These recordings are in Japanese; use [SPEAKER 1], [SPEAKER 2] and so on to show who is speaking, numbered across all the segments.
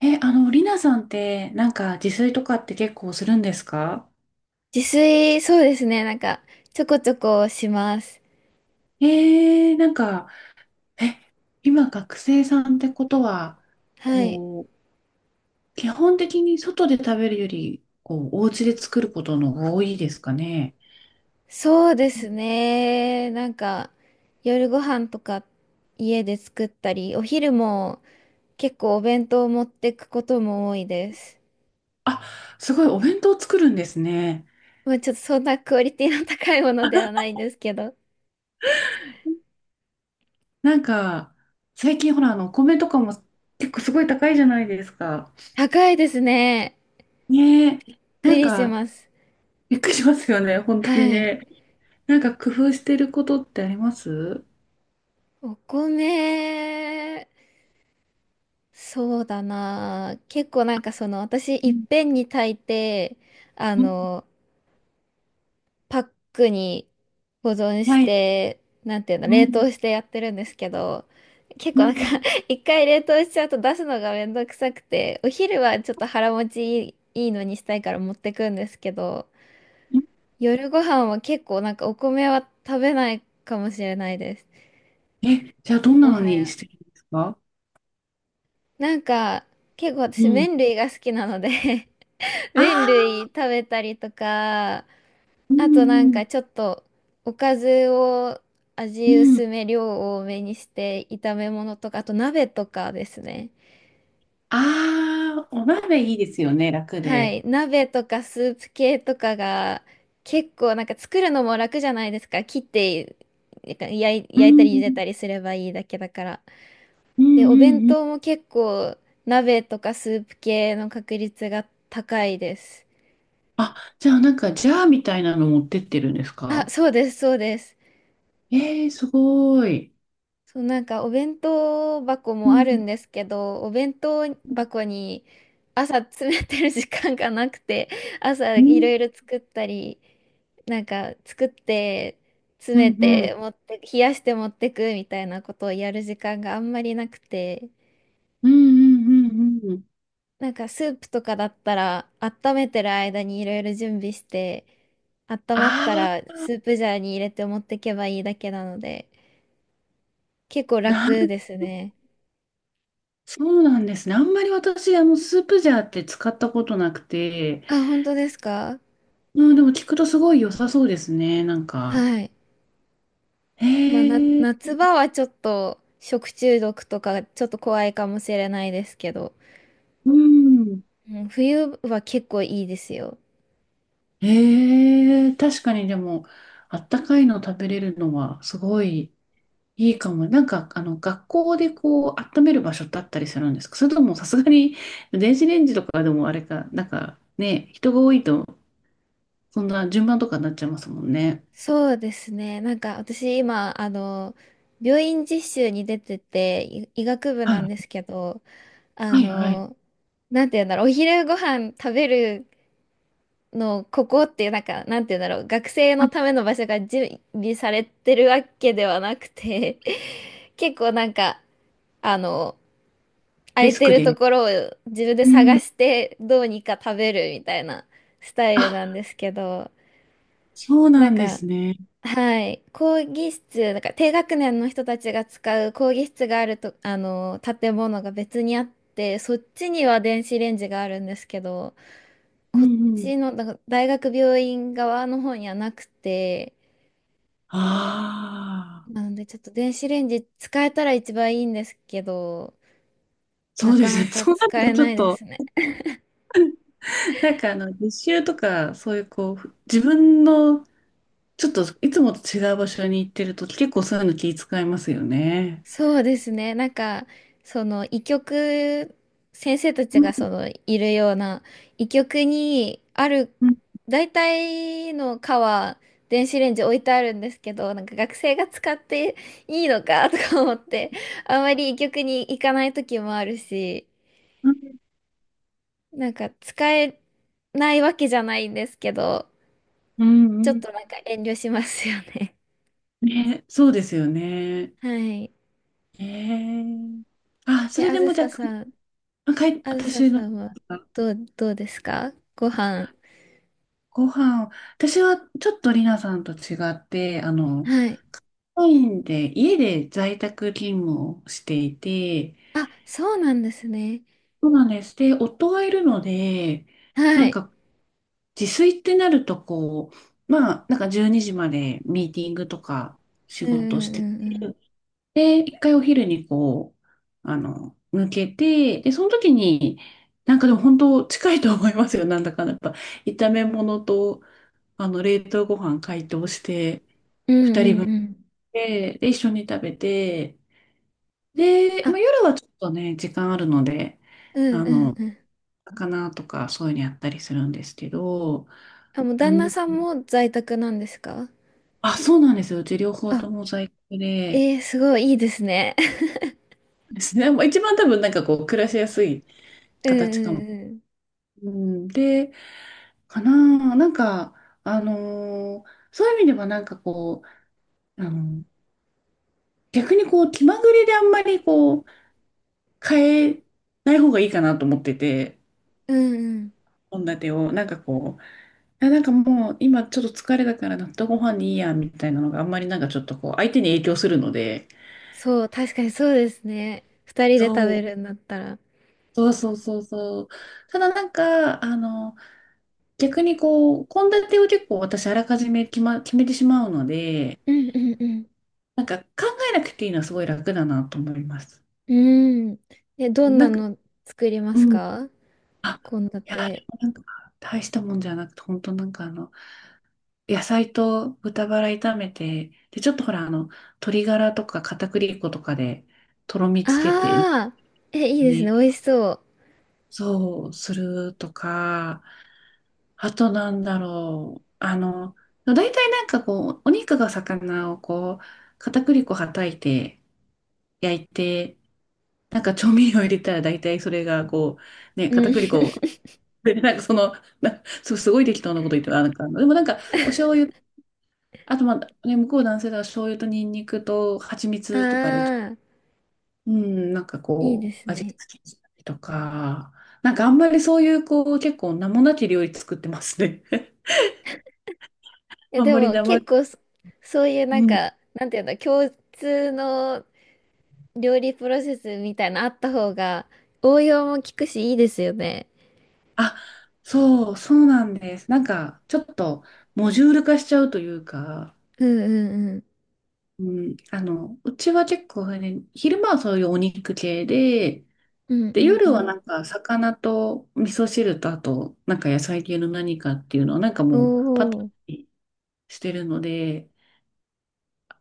[SPEAKER 1] え、あの、りなさんって、なんか自炊とかって結構するんですか？
[SPEAKER 2] 自炊、そうですね。ちょこちょこします。
[SPEAKER 1] なんか、え、今学生さんってことは、
[SPEAKER 2] はい。
[SPEAKER 1] こう、基本的に外で食べるより、こう、お家で作ることの方が多いですかね。
[SPEAKER 2] そうですね。夜ご飯とか家で作ったり、お昼も結構お弁当を持ってくことも多いです。
[SPEAKER 1] あ、すごいお弁当作るんですね。
[SPEAKER 2] まあちょっとそんなクオリティの高いものではないんですけど。
[SPEAKER 1] なんか、最近ほら、お米とかも結構すごい高いじゃないですか。
[SPEAKER 2] 高いですね。
[SPEAKER 1] ねえ、
[SPEAKER 2] びっく
[SPEAKER 1] なん
[SPEAKER 2] りし
[SPEAKER 1] か、
[SPEAKER 2] ます。
[SPEAKER 1] びっくりしますよね、本当に
[SPEAKER 2] はい。
[SPEAKER 1] ね。なんか工夫してることってあります？
[SPEAKER 2] お米、そうだな。結構その、私、い
[SPEAKER 1] う
[SPEAKER 2] っぺんに炊いて、あ
[SPEAKER 1] ん。
[SPEAKER 2] の、パックに保存し
[SPEAKER 1] はい。
[SPEAKER 2] て、なんていうの、
[SPEAKER 1] う
[SPEAKER 2] 冷
[SPEAKER 1] ん。
[SPEAKER 2] 凍してやってるんですけど、結
[SPEAKER 1] う
[SPEAKER 2] 構なんか
[SPEAKER 1] ん。
[SPEAKER 2] 一回冷凍しちゃうと出すのがめんどくさくて、お昼はちょっと腹持ちいい、いいのにしたいから持ってくんですけど、
[SPEAKER 1] うん。
[SPEAKER 2] 夜ご飯は結構お米は食べないかもしれないです。
[SPEAKER 1] じゃあどんな
[SPEAKER 2] も
[SPEAKER 1] の
[SPEAKER 2] は
[SPEAKER 1] に
[SPEAKER 2] や。
[SPEAKER 1] してるんですか？
[SPEAKER 2] なんか、結構
[SPEAKER 1] う
[SPEAKER 2] 私
[SPEAKER 1] ん。
[SPEAKER 2] 麺類が好きなので
[SPEAKER 1] あ
[SPEAKER 2] 麺
[SPEAKER 1] あ、
[SPEAKER 2] 類食べたりとか、
[SPEAKER 1] う
[SPEAKER 2] あ
[SPEAKER 1] ん
[SPEAKER 2] となん
[SPEAKER 1] うん
[SPEAKER 2] かちょっとおかずを
[SPEAKER 1] う
[SPEAKER 2] 味
[SPEAKER 1] ん。
[SPEAKER 2] 薄め量多めにして炒め物とかあと鍋とかですね。
[SPEAKER 1] ああ、お鍋いいですよね、楽
[SPEAKER 2] は
[SPEAKER 1] で。
[SPEAKER 2] い、鍋とかスープ系とかが結構作るのも楽じゃないですか。切ってなんか焼い、
[SPEAKER 1] う
[SPEAKER 2] 焼いたり茹
[SPEAKER 1] ん
[SPEAKER 2] でたりすればいいだけだから。
[SPEAKER 1] うんう
[SPEAKER 2] で
[SPEAKER 1] ん
[SPEAKER 2] お弁
[SPEAKER 1] うん。
[SPEAKER 2] 当も結構鍋とかスープ系の確率が高いです。
[SPEAKER 1] あ、じゃあなんかジャーみたいなの持ってってるんです
[SPEAKER 2] あ、
[SPEAKER 1] か？
[SPEAKER 2] そうですそうです。
[SPEAKER 1] すごい。
[SPEAKER 2] そう、なんかお弁当箱
[SPEAKER 1] う
[SPEAKER 2] もある
[SPEAKER 1] ん
[SPEAKER 2] んですけど、お弁当箱に朝詰めてる時間がなくて、朝
[SPEAKER 1] う
[SPEAKER 2] いろ
[SPEAKER 1] ん
[SPEAKER 2] いろ作ったり、なんか作って詰
[SPEAKER 1] う
[SPEAKER 2] め
[SPEAKER 1] んうん
[SPEAKER 2] て持って冷やして持ってくみたいなことをやる時間があんまりなくて。
[SPEAKER 1] うんうんうんうん。
[SPEAKER 2] なんかスープとかだったら温めてる間にいろいろ準備して、温まっ
[SPEAKER 1] あ
[SPEAKER 2] た
[SPEAKER 1] あ、
[SPEAKER 2] らスープジャーに入れて持ってけばいいだけなので結構
[SPEAKER 1] なん、
[SPEAKER 2] 楽ですね。
[SPEAKER 1] そうなんですね。あんまり私、スープジャーって使ったことなくて、
[SPEAKER 2] あ、本当ですか？
[SPEAKER 1] うん、でも聞くとすごい良さそうですね、なんか。
[SPEAKER 2] はい。
[SPEAKER 1] へ
[SPEAKER 2] まあ、
[SPEAKER 1] え、
[SPEAKER 2] 夏場はちょっと食中毒とかちょっと怖いかもしれないですけど、
[SPEAKER 1] うん。
[SPEAKER 2] うん、冬は結構いいですよ。
[SPEAKER 1] へえ、確かにでも、あったかいの食べれるのはすごいいいかも。なんか、学校でこう、温める場所ってあったりするんですか？それともさすがに、電子レンジとかでもあれか、なんかね、人が多いと、そんな順番とかになっちゃいますもんね。
[SPEAKER 2] そうですね。私今、病院実習に出てて、医学部
[SPEAKER 1] は
[SPEAKER 2] なんで
[SPEAKER 1] い、
[SPEAKER 2] すけど、あ
[SPEAKER 1] はい、はい。
[SPEAKER 2] の、なんて言うんだろう、お昼ご飯食べるのここっていう、なんかなんて言うんだろう、学生
[SPEAKER 1] あ、
[SPEAKER 2] のための場所が準備されてるわけではなくて 結構あの空
[SPEAKER 1] デ
[SPEAKER 2] い
[SPEAKER 1] ス
[SPEAKER 2] て
[SPEAKER 1] ク
[SPEAKER 2] ると
[SPEAKER 1] で。
[SPEAKER 2] ころを自分で
[SPEAKER 1] う
[SPEAKER 2] 探
[SPEAKER 1] ん。
[SPEAKER 2] してどうにか食べるみたいなスタイルなん
[SPEAKER 1] あ、
[SPEAKER 2] ですけど。
[SPEAKER 1] そう
[SPEAKER 2] な
[SPEAKER 1] な
[SPEAKER 2] ん
[SPEAKER 1] んで
[SPEAKER 2] か
[SPEAKER 1] すね。
[SPEAKER 2] はい、講義室、なんか低学年の人たちが使う講義室がある、とあの建物が別にあってそっちには電子レンジがあるんですけど。
[SPEAKER 1] うん
[SPEAKER 2] こっ
[SPEAKER 1] うん。
[SPEAKER 2] ちの、だから大学病院側の方にはなくて、
[SPEAKER 1] ああ。
[SPEAKER 2] なのでちょっと電子レンジ使えたら一番いいんですけど、
[SPEAKER 1] そ
[SPEAKER 2] な
[SPEAKER 1] うで
[SPEAKER 2] か
[SPEAKER 1] す
[SPEAKER 2] な
[SPEAKER 1] ね。
[SPEAKER 2] か
[SPEAKER 1] そうな
[SPEAKER 2] 使
[SPEAKER 1] ると
[SPEAKER 2] え
[SPEAKER 1] ちょ
[SPEAKER 2] な
[SPEAKER 1] っ
[SPEAKER 2] いで
[SPEAKER 1] と、
[SPEAKER 2] すね。
[SPEAKER 1] なんか実習とか、そういうこう、自分の、ちょっといつもと違う場所に行ってると、結構そういうの気遣いますよね。
[SPEAKER 2] そうですね。その、医局、先生たち
[SPEAKER 1] う
[SPEAKER 2] が
[SPEAKER 1] ん
[SPEAKER 2] その、いるような、医局にある、
[SPEAKER 1] うん
[SPEAKER 2] 大体の科は、電子レンジ置いてあるんですけど、なんか学生が使っていいのかとか思って、あんまり医局に行かない時もあるし、
[SPEAKER 1] うん
[SPEAKER 2] なんか使えないわけじゃないんですけど、
[SPEAKER 1] う
[SPEAKER 2] ちょっ
[SPEAKER 1] ん。
[SPEAKER 2] となんか遠慮しますよね。
[SPEAKER 1] ね、そうですよね。
[SPEAKER 2] はい。
[SPEAKER 1] えーあ、そ
[SPEAKER 2] え、
[SPEAKER 1] れ
[SPEAKER 2] あ
[SPEAKER 1] で
[SPEAKER 2] ず
[SPEAKER 1] もじ
[SPEAKER 2] さ
[SPEAKER 1] ゃ
[SPEAKER 2] さん、
[SPEAKER 1] あ、
[SPEAKER 2] あずさ
[SPEAKER 1] 私の、
[SPEAKER 2] さんはどうですかご飯。
[SPEAKER 1] ご飯、私はちょっとりなさんと違って、
[SPEAKER 2] はい。
[SPEAKER 1] オンラインで、家で在宅勤務をしていて、
[SPEAKER 2] あ、そうなんですね。
[SPEAKER 1] そうなんです。で、夫がいるので、
[SPEAKER 2] は
[SPEAKER 1] なん
[SPEAKER 2] い。
[SPEAKER 1] か、自炊ってなると、こう、まあ、なんか12時までミーティングとか仕
[SPEAKER 2] うんう
[SPEAKER 1] 事して
[SPEAKER 2] んうん
[SPEAKER 1] て、で、1回お昼にこう、抜けて、で、その時に、なんかでも本当近いと思いますよ。なんだかんだやっぱ、炒め物と、冷凍ご飯解凍して、
[SPEAKER 2] うん。うんうんうん。
[SPEAKER 1] で、一緒に食べて、で、
[SPEAKER 2] あ、
[SPEAKER 1] まあ、夜はちょっとね、時間あるので、
[SPEAKER 2] うん
[SPEAKER 1] あ
[SPEAKER 2] うん
[SPEAKER 1] の、
[SPEAKER 2] うん。
[SPEAKER 1] 魚とかそういうのやったりするんですけど、
[SPEAKER 2] あ、もう
[SPEAKER 1] う
[SPEAKER 2] 旦那
[SPEAKER 1] ん、
[SPEAKER 2] さんも在宅なんですか？
[SPEAKER 1] あ、そうなんですよ。うち両方と
[SPEAKER 2] あ、
[SPEAKER 1] も在宅で、
[SPEAKER 2] えー、すごいいいですね。
[SPEAKER 1] ですね。まあ一番多分なんかこう暮らしやすい
[SPEAKER 2] う
[SPEAKER 1] 形かも。
[SPEAKER 2] ん
[SPEAKER 1] うん、で、かな、なんか、そういう意味ではなんかこう、逆にこう気まぐれであんまりこう変えない方がいいかなと思ってて、
[SPEAKER 2] うんうん。うんうん。
[SPEAKER 1] 献立をなんかこう、いやなんかもう今ちょっと疲れたから納豆ご飯にいいやみたいなのがあんまりなんかちょっとこう相手に影響するので、
[SPEAKER 2] そう、確かにそうですね。二人で食
[SPEAKER 1] そ
[SPEAKER 2] べ
[SPEAKER 1] う
[SPEAKER 2] るんだったら。
[SPEAKER 1] そうそうそうそう。ただなんか、逆にこう、献立を結構私あらかじめ決めてしまうので、
[SPEAKER 2] うんうん
[SPEAKER 1] なんか考えなくていいのはすごい楽だなと思います。
[SPEAKER 2] うん。うん。え、どん
[SPEAKER 1] な
[SPEAKER 2] な
[SPEAKER 1] んか、
[SPEAKER 2] の作ります
[SPEAKER 1] うん。
[SPEAKER 2] か？
[SPEAKER 1] あ、
[SPEAKER 2] 献
[SPEAKER 1] いや、で
[SPEAKER 2] 立。
[SPEAKER 1] もなんか、大したもんじゃなくて、本当なんか野菜と豚バラ炒めて、で、ちょっとほら、鶏ガラとか片栗粉とかで、とろみつけて、
[SPEAKER 2] ああー、え、いいですね。
[SPEAKER 1] ね、
[SPEAKER 2] 美味しそう。
[SPEAKER 1] そう、するとか、あとなんだろう。大体なんかこう、お肉が魚をこう、片栗粉はたいて、焼いて、なんか調味料入れたら大体それがこう、ね、
[SPEAKER 2] う
[SPEAKER 1] 片
[SPEAKER 2] ん。
[SPEAKER 1] 栗粉、でなんかその、すごい適当なこと言ってる、あなんか、でもなんか、お醤油、あとまあ、ね、向こう男性だから醤油とニンニクと蜂
[SPEAKER 2] あ
[SPEAKER 1] 蜜とかで、
[SPEAKER 2] あ、
[SPEAKER 1] うん、なんか
[SPEAKER 2] いいで
[SPEAKER 1] こう、
[SPEAKER 2] す
[SPEAKER 1] 味
[SPEAKER 2] ね。
[SPEAKER 1] 付けしたりとか、なんかあんまりそういうこう、結構名もなき料理作ってますね。
[SPEAKER 2] いや、
[SPEAKER 1] あん
[SPEAKER 2] で
[SPEAKER 1] まり
[SPEAKER 2] も
[SPEAKER 1] 名前、
[SPEAKER 2] 結構そ、そういうなん
[SPEAKER 1] うん。
[SPEAKER 2] か、なんていうんだ、共通の料理プロセスみたいなあった方が、応用も効くし、いいですよね。
[SPEAKER 1] あ、そう、そうなんです。なんか、ちょっと、モジュール化しちゃうというか、
[SPEAKER 2] うんうん
[SPEAKER 1] うん、うちは結構ね、昼間はそういうお肉系で、
[SPEAKER 2] うん。うんう
[SPEAKER 1] で、
[SPEAKER 2] んう
[SPEAKER 1] 夜は
[SPEAKER 2] ん。
[SPEAKER 1] なんか、魚と味噌汁と、あと、なんか野菜系の何かっていうのは、なんか
[SPEAKER 2] お
[SPEAKER 1] もう、パターン
[SPEAKER 2] お、
[SPEAKER 1] にしてるので、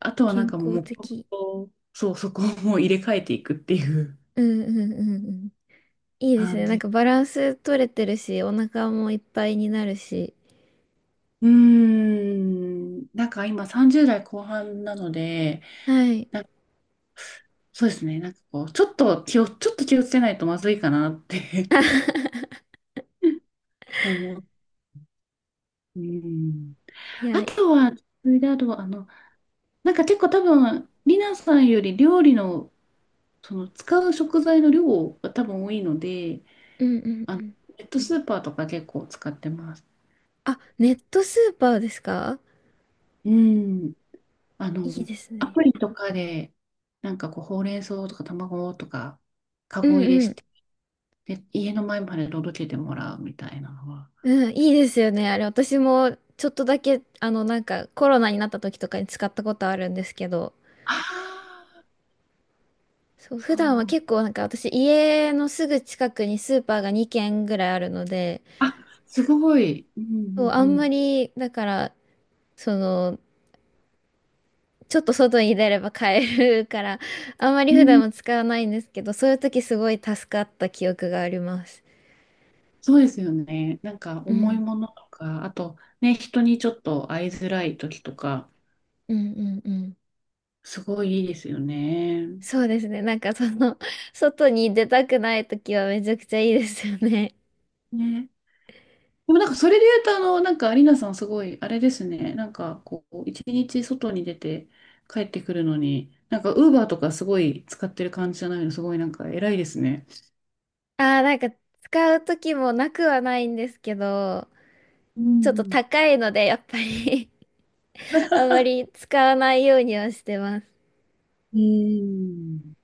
[SPEAKER 1] あとはなん
[SPEAKER 2] 健
[SPEAKER 1] かも
[SPEAKER 2] 康
[SPEAKER 1] う、黙
[SPEAKER 2] 的。
[SPEAKER 1] 々と、そう、そこをもう入れ替えていくっていう
[SPEAKER 2] うんうんうん。いいです
[SPEAKER 1] 感
[SPEAKER 2] ね。なん
[SPEAKER 1] じ。
[SPEAKER 2] かバランス取れてるし、お腹もいっぱいになるし。
[SPEAKER 1] うーん、なんか今30代後半なので、
[SPEAKER 2] はい。
[SPEAKER 1] そうですね。なんかこう、ちょっと気をつけないとまずいかなって 思う。うん。
[SPEAKER 2] い
[SPEAKER 1] あ
[SPEAKER 2] や、
[SPEAKER 1] とは、それであとは、なんか結構多分、リナさんより料理の、その使う食材の量が多分多いので、
[SPEAKER 2] うんうんう
[SPEAKER 1] あの、
[SPEAKER 2] ん。
[SPEAKER 1] ネットスーパーとか結構使ってます。
[SPEAKER 2] あ、ネットスーパーですか？
[SPEAKER 1] うん。あ
[SPEAKER 2] いい
[SPEAKER 1] の、
[SPEAKER 2] です
[SPEAKER 1] ア
[SPEAKER 2] ね。
[SPEAKER 1] プリとかで、なんかこう、ほうれん草とか卵とか、カ
[SPEAKER 2] う
[SPEAKER 1] ゴ入れ
[SPEAKER 2] んう
[SPEAKER 1] して、
[SPEAKER 2] ん。
[SPEAKER 1] で、家の前まで届けてもらうみたいなのは。
[SPEAKER 2] うん、いいですよね。あれ、私もちょっとだけ、なんかコロナになった時とかに使ったことあるんですけど、
[SPEAKER 1] ああ、
[SPEAKER 2] そう、
[SPEAKER 1] そ
[SPEAKER 2] 普段は
[SPEAKER 1] う。
[SPEAKER 2] 結構なんか私、家のすぐ近くにスーパーが2軒ぐらいあるので、
[SPEAKER 1] あ、すごい。う
[SPEAKER 2] そう、
[SPEAKER 1] ん
[SPEAKER 2] あ
[SPEAKER 1] うん
[SPEAKER 2] んま
[SPEAKER 1] う
[SPEAKER 2] り、だから、その、ちょっと外に出れば買えるから、あんまり普
[SPEAKER 1] ん。う
[SPEAKER 2] 段
[SPEAKER 1] ん、
[SPEAKER 2] は使わないんですけど、そういう時すごい助かった記憶があります。
[SPEAKER 1] そうですよね。なんか
[SPEAKER 2] う
[SPEAKER 1] 重い
[SPEAKER 2] ん、
[SPEAKER 1] ものとか、あとね、人にちょっと会いづらい時とか、
[SPEAKER 2] うん、うん、うん。
[SPEAKER 1] すごいいいですよね。
[SPEAKER 2] そうですね。なんかその、外に出たくない時はめちゃくちゃいいですよね。
[SPEAKER 1] ね。でもなんかそれで言うと、なんかアリーナさんすごい、あれですね。なんかこう、一日外に出て帰ってくるのに、なんかウーバーとかすごい使ってる感じじゃないの、すごいなんか偉いですね。
[SPEAKER 2] ああ、なんか使う時もなくはないんですけど、
[SPEAKER 1] う
[SPEAKER 2] ちょっと
[SPEAKER 1] ん
[SPEAKER 2] 高いので、やっぱり あんまり使わないようにはしてます。
[SPEAKER 1] うん。うん。